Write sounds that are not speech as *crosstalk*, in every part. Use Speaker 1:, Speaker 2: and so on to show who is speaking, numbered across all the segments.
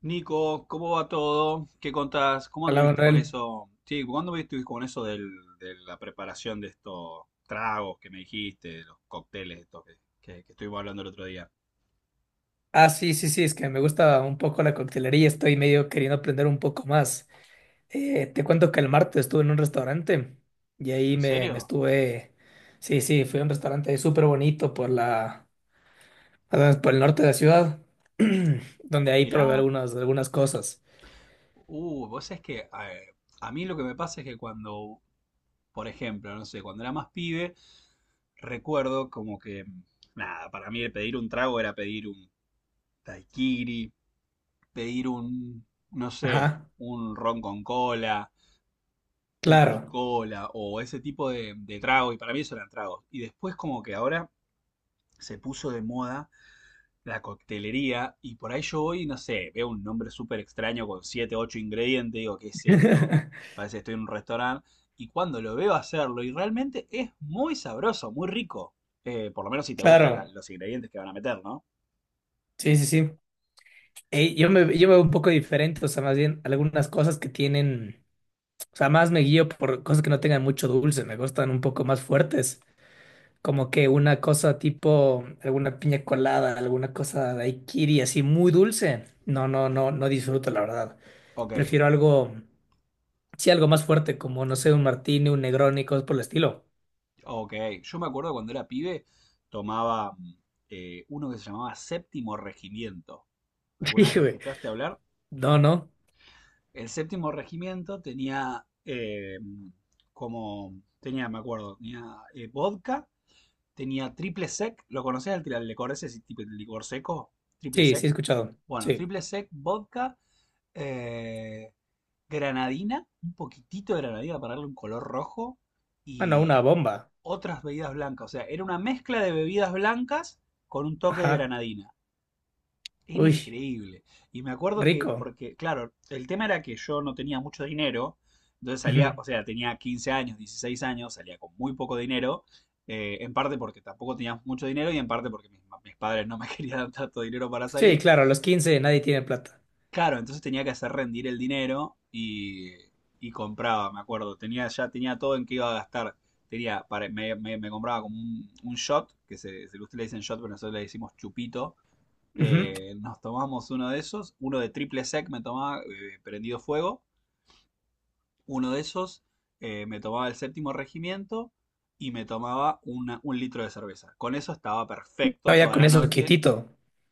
Speaker 1: Nico, ¿cómo va todo? ¿Qué contás? ¿Cómo
Speaker 2: Hola
Speaker 1: anduviste con
Speaker 2: Manuel.
Speaker 1: eso? Sí, ¿cuándo estuviste con eso del- de la preparación de estos tragos que me dijiste, de los cócteles estos que estuvimos hablando el otro día?
Speaker 2: Ah, sí, sí, sí, es que me gusta un poco la coctelería, estoy medio queriendo aprender un poco más. Te cuento que el martes estuve en un restaurante y ahí
Speaker 1: ¿En
Speaker 2: me, me
Speaker 1: serio?
Speaker 2: estuve, sí, sí, fui a un restaurante súper bonito por por el norte de la ciudad, *clears throat* donde ahí probé
Speaker 1: Mirá,
Speaker 2: algunas cosas.
Speaker 1: vos sabés que a mí lo que me pasa es que cuando, por ejemplo, no sé, cuando era más pibe, recuerdo como que, nada, para mí el pedir un trago era pedir un daiquiri, pedir un, no sé,
Speaker 2: Ajá,
Speaker 1: un ron con cola, un whisky
Speaker 2: claro,
Speaker 1: cola o ese tipo de trago, y para mí eso eran tragos. Y después como que ahora se puso de moda la coctelería, y por ahí yo hoy, no sé, veo un nombre súper extraño con 7 8 ingredientes, digo, ¿qué es esto?
Speaker 2: *laughs*
Speaker 1: Parece que estoy en un restaurante, y cuando lo veo hacerlo, y realmente es muy sabroso, muy rico. Por lo menos si te gustan
Speaker 2: claro,
Speaker 1: los ingredientes que van a meter, ¿no?
Speaker 2: sí, sí, sí. Ey, yo me veo un poco diferente, o sea, más bien algunas cosas que tienen... O sea, más me guío por cosas que no tengan mucho dulce, me gustan un poco más fuertes, como que una cosa tipo alguna piña colada, alguna cosa de daiquiri así muy dulce. No disfruto, la verdad.
Speaker 1: Ok,
Speaker 2: Prefiero algo, sí, algo más fuerte, como no sé, un martini, un Negroni, cosas por el estilo. *laughs*
Speaker 1: ok. Yo me acuerdo cuando era pibe, tomaba uno que se llamaba Séptimo Regimiento. ¿Alguna vez
Speaker 2: Sí,
Speaker 1: lo
Speaker 2: güey.
Speaker 1: escuchaste hablar?
Speaker 2: No, no.
Speaker 1: El séptimo regimiento tenía como. Tenía, me acuerdo, tenía vodka, tenía triple sec. ¿Lo conocías el licor ese? ¿Ese tipo de licor seco? Triple
Speaker 2: Sí, sí
Speaker 1: sec.
Speaker 2: he escuchado.
Speaker 1: Bueno,
Speaker 2: Sí.
Speaker 1: triple sec, vodka, eh, granadina, un poquitito de granadina para darle un color rojo
Speaker 2: Ah, no, una
Speaker 1: y
Speaker 2: bomba.
Speaker 1: otras bebidas blancas. O sea, era una mezcla de bebidas blancas con un toque de
Speaker 2: Ajá.
Speaker 1: granadina. Era
Speaker 2: Uy,
Speaker 1: increíble. Y me acuerdo que,
Speaker 2: rico.
Speaker 1: porque, claro, el tema era que yo no tenía mucho dinero, entonces salía,
Speaker 2: Ujú.
Speaker 1: o sea, tenía 15 años, 16 años, salía con muy poco dinero, en parte porque tampoco tenía mucho dinero y en parte porque mis padres no me *laughs* querían dar tanto dinero para
Speaker 2: Sí,
Speaker 1: salir.
Speaker 2: claro, a los 15 nadie tiene plata.
Speaker 1: Claro, entonces tenía que hacer rendir el dinero y compraba, me acuerdo, tenía, ya tenía todo en qué iba a gastar. Tenía, me compraba como un shot, ustedes le dicen shot, pero nosotros le decimos chupito,
Speaker 2: Ujú.
Speaker 1: nos tomamos uno de esos, uno de triple sec me tomaba prendido fuego, uno de esos, me tomaba el séptimo regimiento y me tomaba un litro de cerveza. Con eso estaba
Speaker 2: No,
Speaker 1: perfecto
Speaker 2: ya
Speaker 1: toda
Speaker 2: con
Speaker 1: la
Speaker 2: eso
Speaker 1: noche.
Speaker 2: quietito.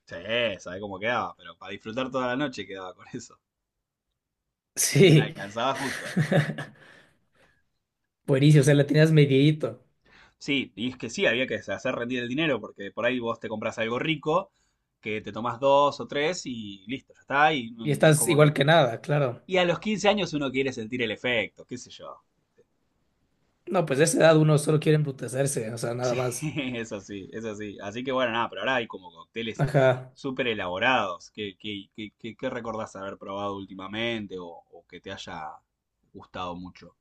Speaker 1: Sí, sabe cómo quedaba, pero para disfrutar toda la noche quedaba con eso. Y me
Speaker 2: Sí.
Speaker 1: alcanzaba justo.
Speaker 2: *laughs* Buenísimo, o sea, la tenías medidito.
Speaker 1: Sí, y es que sí, había que hacer rendir el dinero, porque por ahí vos te compras algo rico, que te tomás dos o tres y listo, ya está. Y
Speaker 2: Y
Speaker 1: es
Speaker 2: estás
Speaker 1: como
Speaker 2: igual
Speaker 1: que.
Speaker 2: que nada, claro.
Speaker 1: Y a los 15 años uno quiere sentir el efecto, qué sé yo.
Speaker 2: No, pues de esa edad uno solo quiere embrutecerse, o sea, nada
Speaker 1: Sí,
Speaker 2: más.
Speaker 1: *laughs* es así, es así. Así que bueno, nada, pero ahora hay como cócteles
Speaker 2: Ajá.
Speaker 1: súper elaborados. ¿Qué recordás haber probado últimamente o que te haya gustado mucho?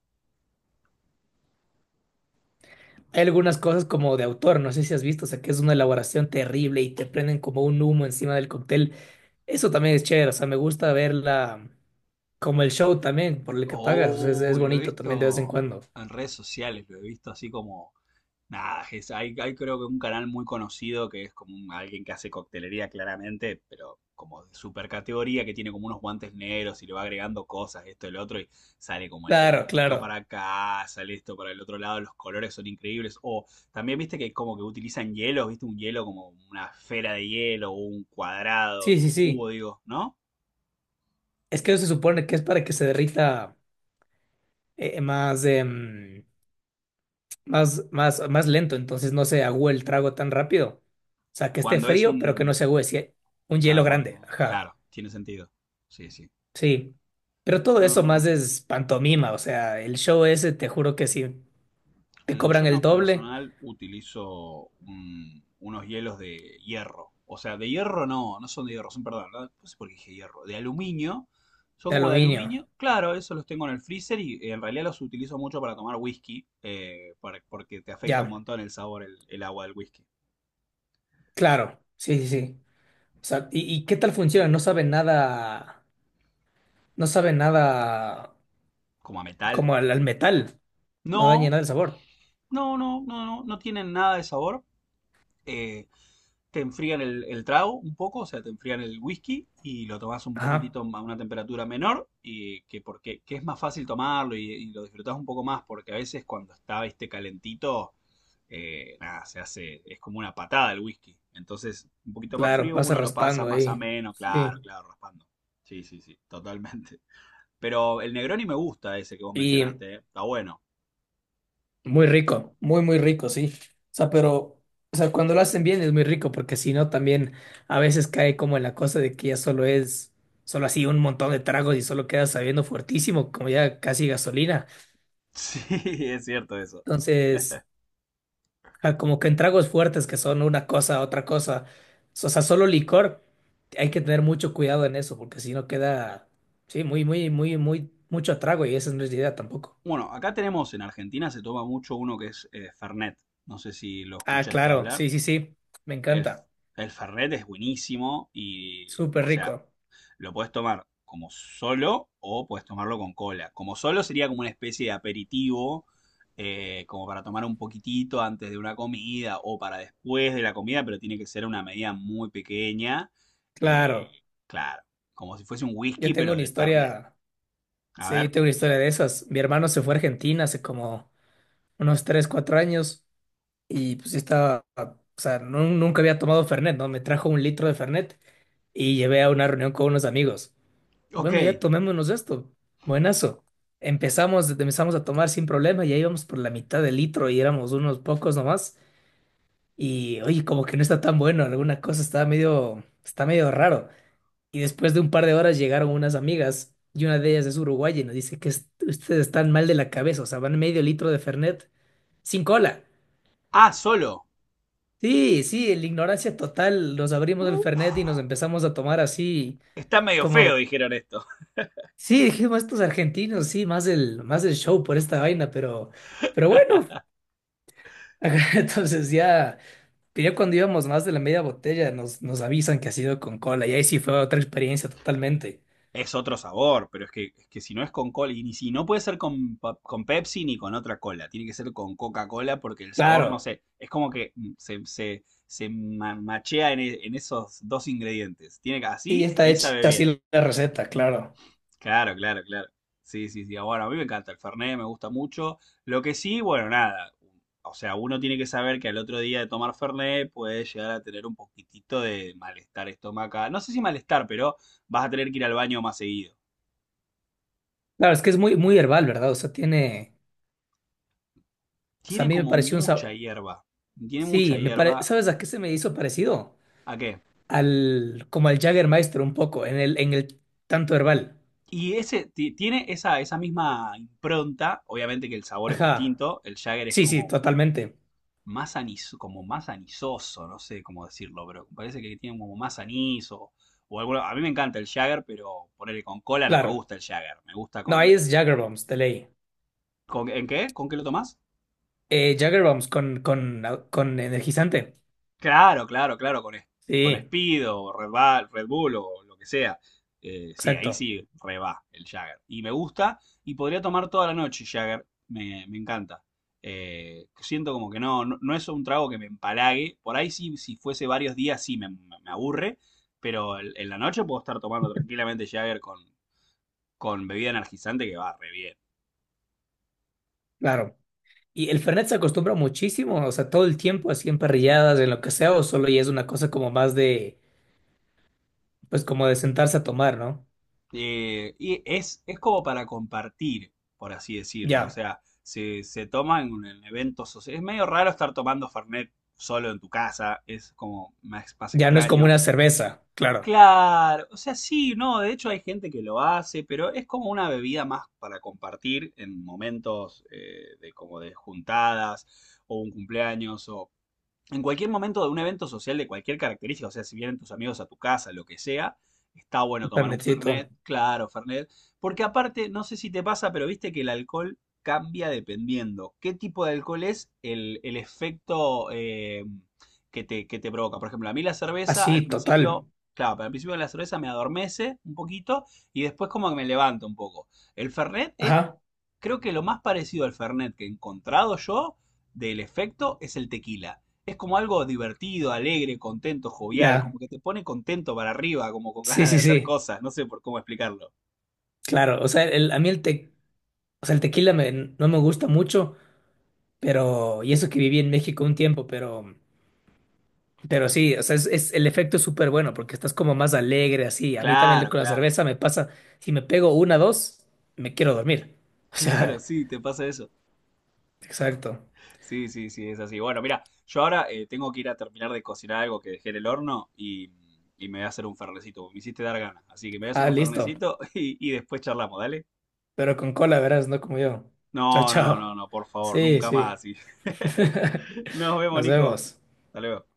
Speaker 2: Hay algunas cosas como de autor, no sé si has visto, o sea, que es una elaboración terrible y te prenden como un humo encima del cóctel. Eso también es chévere, o sea, me gusta verla como el show también, por el que pagas, o sea, es
Speaker 1: Oh, lo he
Speaker 2: bonito también de vez en
Speaker 1: visto
Speaker 2: cuando.
Speaker 1: en redes sociales, lo he visto así como. Nada, hay creo que un canal muy conocido que es como alguien que hace coctelería claramente, pero como de super categoría, que tiene como unos guantes negros y le va agregando cosas, esto, el otro, y sale como el
Speaker 2: Claro,
Speaker 1: humito para
Speaker 2: claro.
Speaker 1: acá, sale esto para el otro lado, los colores son increíbles. O también viste que como que utilizan hielos, viste un hielo como una esfera de hielo, o un cuadrado,
Speaker 2: Sí,
Speaker 1: o
Speaker 2: sí,
Speaker 1: un cubo,
Speaker 2: sí.
Speaker 1: digo, ¿no?
Speaker 2: Es que eso se supone que es para que se derrita más. Más lento, entonces no se agüe el trago tan rápido. O sea, que esté
Speaker 1: Cuando es
Speaker 2: frío, pero que no
Speaker 1: un...
Speaker 2: se agüe. Sí, un hielo
Speaker 1: Claro,
Speaker 2: grande,
Speaker 1: cuando...
Speaker 2: ajá,
Speaker 1: Claro, tiene sentido. Sí, sí.
Speaker 2: sí. Pero todo
Speaker 1: Yo
Speaker 2: eso más
Speaker 1: no-.
Speaker 2: es pantomima, o sea, el show ese, te juro que sí, te
Speaker 1: En, yo
Speaker 2: cobran
Speaker 1: en
Speaker 2: el
Speaker 1: lo
Speaker 2: doble
Speaker 1: personal utilizo unos hielos de hierro. O sea, de hierro no, no son de hierro, son, perdón, no, no sé por qué dije hierro, de aluminio. Son
Speaker 2: de
Speaker 1: como de
Speaker 2: aluminio.
Speaker 1: aluminio. Claro, esos los tengo en el freezer y en realidad los utilizo mucho para tomar whisky, porque te afecta un
Speaker 2: Ya,
Speaker 1: montón el sabor, el agua del whisky.
Speaker 2: claro, sí, sí, sí. O sea, y qué tal funciona? No sabe nada, no sabe nada
Speaker 1: Como a metal.
Speaker 2: como al metal, no daña
Speaker 1: No,
Speaker 2: nada el sabor.
Speaker 1: no, tienen nada de sabor. eh, Te enfrían el trago un poco, o sea, te enfrían el whisky y lo tomas un
Speaker 2: Ajá,
Speaker 1: poquitito a una temperatura menor y que porque que es más fácil tomarlo y lo disfrutás un poco más porque a veces cuando está este calentito, nada, se hace, es como una patada el whisky. Entonces, un poquito más
Speaker 2: claro,
Speaker 1: frío
Speaker 2: pasa
Speaker 1: uno lo pasa
Speaker 2: raspando
Speaker 1: más
Speaker 2: ahí,
Speaker 1: ameno,
Speaker 2: sí.
Speaker 1: claro, claro, raspando. Sí, sí, sí, totalmente. Pero el Negroni me gusta ese que vos
Speaker 2: Y
Speaker 1: mencionaste, ¿eh? Está bueno. *laughs*
Speaker 2: muy rico, muy, muy rico, sí. O sea, pero, o sea, cuando lo hacen bien es muy rico, porque si no, también a veces cae como en la cosa de que ya solo solo así un montón de tragos y solo queda sabiendo fuertísimo, como ya casi gasolina.
Speaker 1: Sí, es cierto eso.
Speaker 2: Entonces, ajá, como que en tragos fuertes que son una cosa, otra cosa, o sea, solo licor, hay que tener mucho cuidado en eso, porque si no queda, sí, muy mucho trago y esa no es la idea tampoco.
Speaker 1: Bueno, acá tenemos en Argentina se toma mucho uno que es Fernet. No sé si lo
Speaker 2: Ah,
Speaker 1: escuchaste
Speaker 2: claro,
Speaker 1: hablar.
Speaker 2: sí, sí, sí, me
Speaker 1: El, f-
Speaker 2: encanta,
Speaker 1: el Fernet es buenísimo y,
Speaker 2: súper
Speaker 1: o sea,
Speaker 2: rico,
Speaker 1: lo puedes tomar como solo o puedes tomarlo con cola. Como solo sería como una especie de aperitivo, como para tomar un poquitito antes de una comida o para después de la comida, pero tiene que ser una medida muy pequeña. Eh,
Speaker 2: claro.
Speaker 1: claro, como si fuese un
Speaker 2: Yo
Speaker 1: whisky,
Speaker 2: tengo
Speaker 1: pero
Speaker 2: una
Speaker 1: de Fernet.
Speaker 2: historia,
Speaker 1: A
Speaker 2: sí,
Speaker 1: ver.
Speaker 2: tengo una historia de esas. Mi hermano se fue a Argentina hace como unos 3 4 años y pues yo estaba, o sea, nunca había tomado Fernet, ¿no? Me trajo un litro de Fernet y llevé a una reunión con unos amigos.
Speaker 1: Ok.
Speaker 2: Bueno, ya tomémonos esto. Buenazo. Empezamos a tomar sin problema, ya íbamos por la mitad del litro y éramos unos pocos nomás. Y oye, como que no está tan bueno, alguna cosa está medio raro. Y después de un par de horas llegaron unas amigas y una de ellas es uruguaya y nos dice que ustedes están mal de la cabeza, o sea, van medio litro de Fernet sin cola.
Speaker 1: Ah, solo.
Speaker 2: Sí, sí, en la ignorancia total, nos abrimos el Fernet y nos empezamos a tomar así
Speaker 1: Está medio feo,
Speaker 2: como,
Speaker 1: dijeron esto.
Speaker 2: sí, dijimos estos argentinos, sí, más el show por esta vaina, pero bueno, *laughs* entonces ya, que ya cuando íbamos más de la media botella nos avisan que ha sido con cola y ahí sí fue otra experiencia totalmente.
Speaker 1: Es otro sabor, pero es que si no es con cola, y ni si no puede ser con Pepsi ni con otra cola, tiene que ser con Coca-Cola porque el sabor,
Speaker 2: Claro,
Speaker 1: no sé, es como que machea en esos dos ingredientes. Tiene que,
Speaker 2: sí, ya
Speaker 1: así,
Speaker 2: está
Speaker 1: ahí
Speaker 2: hecha
Speaker 1: sabe bien.
Speaker 2: así la receta, claro.
Speaker 1: Claro, claro, claro. Sí, sí, sí. Ah, bueno, a mí me encanta el Fernet, me gusta mucho. Lo que sí, bueno, nada. O sea, uno tiene que saber que al otro día de tomar Fernet puede llegar a tener un poquitito de malestar estomacal. No sé si malestar, pero vas a tener que ir al baño más seguido.
Speaker 2: Claro, es que es muy, muy herbal, ¿verdad? O sea, tiene. O sea, a
Speaker 1: Tiene
Speaker 2: mí me
Speaker 1: como
Speaker 2: pareció un
Speaker 1: mucha
Speaker 2: sabor.
Speaker 1: hierba. Tiene mucha
Speaker 2: Sí, me pare...
Speaker 1: hierba.
Speaker 2: ¿Sabes a qué se me hizo parecido?
Speaker 1: ¿A qué?
Speaker 2: Al. Como al Jägermeister un poco, en el tanto herbal.
Speaker 1: Y ese tiene esa, esa misma impronta. Obviamente que el sabor es
Speaker 2: Ajá.
Speaker 1: distinto. El Jagger es
Speaker 2: Sí, sí,
Speaker 1: como
Speaker 2: totalmente.
Speaker 1: más anis, como más anisoso, no sé cómo decirlo, pero parece que tiene como más anís o, a mí me encanta el Jagger, pero ponerle con cola no me
Speaker 2: Claro.
Speaker 1: gusta el Jagger, me gusta
Speaker 2: No,
Speaker 1: con...
Speaker 2: ahí es Jägerbombs, de ley.
Speaker 1: ¿Con, ¿en qué? ¿Con qué lo tomás?
Speaker 2: Jägerbombs con energizante.
Speaker 1: Claro, claro, claro, con
Speaker 2: Sí,
Speaker 1: Speed o Red, Red Bull o lo que sea. Sí, ahí
Speaker 2: exacto.
Speaker 1: sí reba el Jagger. Y me gusta y podría tomar toda la noche Jagger. Me encanta. Siento como que no es un trago que me empalague. Por ahí sí, si fuese varios días sí me aburre, pero en la noche puedo estar tomando tranquilamente Jagger con bebida energizante que va re bien.
Speaker 2: Claro. Y el Fernet se acostumbra muchísimo, o sea, todo el tiempo, así en parrilladas, en lo que sea, o solo ya es una cosa como más de. Pues como de sentarse a tomar, ¿no?
Speaker 1: Y es como para compartir, por así decirlo. O
Speaker 2: Ya.
Speaker 1: sea, se toma en un en eventos es medio raro estar tomando Fernet solo en tu casa, es como más, más
Speaker 2: Ya no es como
Speaker 1: extraño.
Speaker 2: una cerveza, claro.
Speaker 1: Claro, o sea, sí, no, de hecho hay gente que lo hace, pero es como una bebida más para compartir en momentos de como de juntadas o un cumpleaños o en cualquier momento de un evento social de cualquier característica, o sea, si vienen tus amigos a tu casa, lo que sea, está
Speaker 2: Un
Speaker 1: bueno tomar un
Speaker 2: planetito.
Speaker 1: Fernet, claro, Fernet, porque aparte, no sé si te pasa, pero viste que el alcohol cambia dependiendo qué tipo de alcohol es el efecto que te provoca. Por ejemplo, a mí la cerveza al
Speaker 2: Así,
Speaker 1: principio,
Speaker 2: total.
Speaker 1: claro, al principio la cerveza me adormece un poquito y después como que me levanta un poco. El Fernet es.
Speaker 2: Ajá,
Speaker 1: Creo que lo más parecido al Fernet que he encontrado yo del efecto es el tequila. Es como algo divertido, alegre, contento, jovial,
Speaker 2: ya.
Speaker 1: como que te pone contento para arriba, como con *laughs*
Speaker 2: Sí,
Speaker 1: ganas de
Speaker 2: sí,
Speaker 1: hacer
Speaker 2: sí,
Speaker 1: cosas, no sé por cómo explicarlo.
Speaker 2: claro. O sea, a mí o sea, el tequila no me gusta mucho, pero, y eso que viví en México un tiempo, pero sí, o sea, es- el efecto es súper bueno porque estás como más alegre, así. A mí también
Speaker 1: Claro,
Speaker 2: con la
Speaker 1: claro,
Speaker 2: cerveza me pasa, si me pego una, dos, me quiero dormir.
Speaker 1: *laughs*
Speaker 2: O
Speaker 1: claro,
Speaker 2: sea,
Speaker 1: sí, te pasa eso.
Speaker 2: *laughs* exacto.
Speaker 1: Sí, sí, sí, es así. Bueno, mira, yo ahora tengo que ir a terminar de cocinar algo que dejé en el horno y me voy a hacer un fernecito. Me hiciste dar ganas, así que me voy a hacer
Speaker 2: Ah,
Speaker 1: un
Speaker 2: listo.
Speaker 1: fernecito *laughs* y después charlamos, ¿dale?
Speaker 2: Pero con cola, verás, no como yo. Chao,
Speaker 1: No, no, no,
Speaker 2: chao.
Speaker 1: no, por favor,
Speaker 2: Sí,
Speaker 1: nunca
Speaker 2: sí.
Speaker 1: más. Y-. *laughs* Nos
Speaker 2: *laughs*
Speaker 1: vemos,
Speaker 2: Nos
Speaker 1: Nico.
Speaker 2: vemos.
Speaker 1: Hasta luego.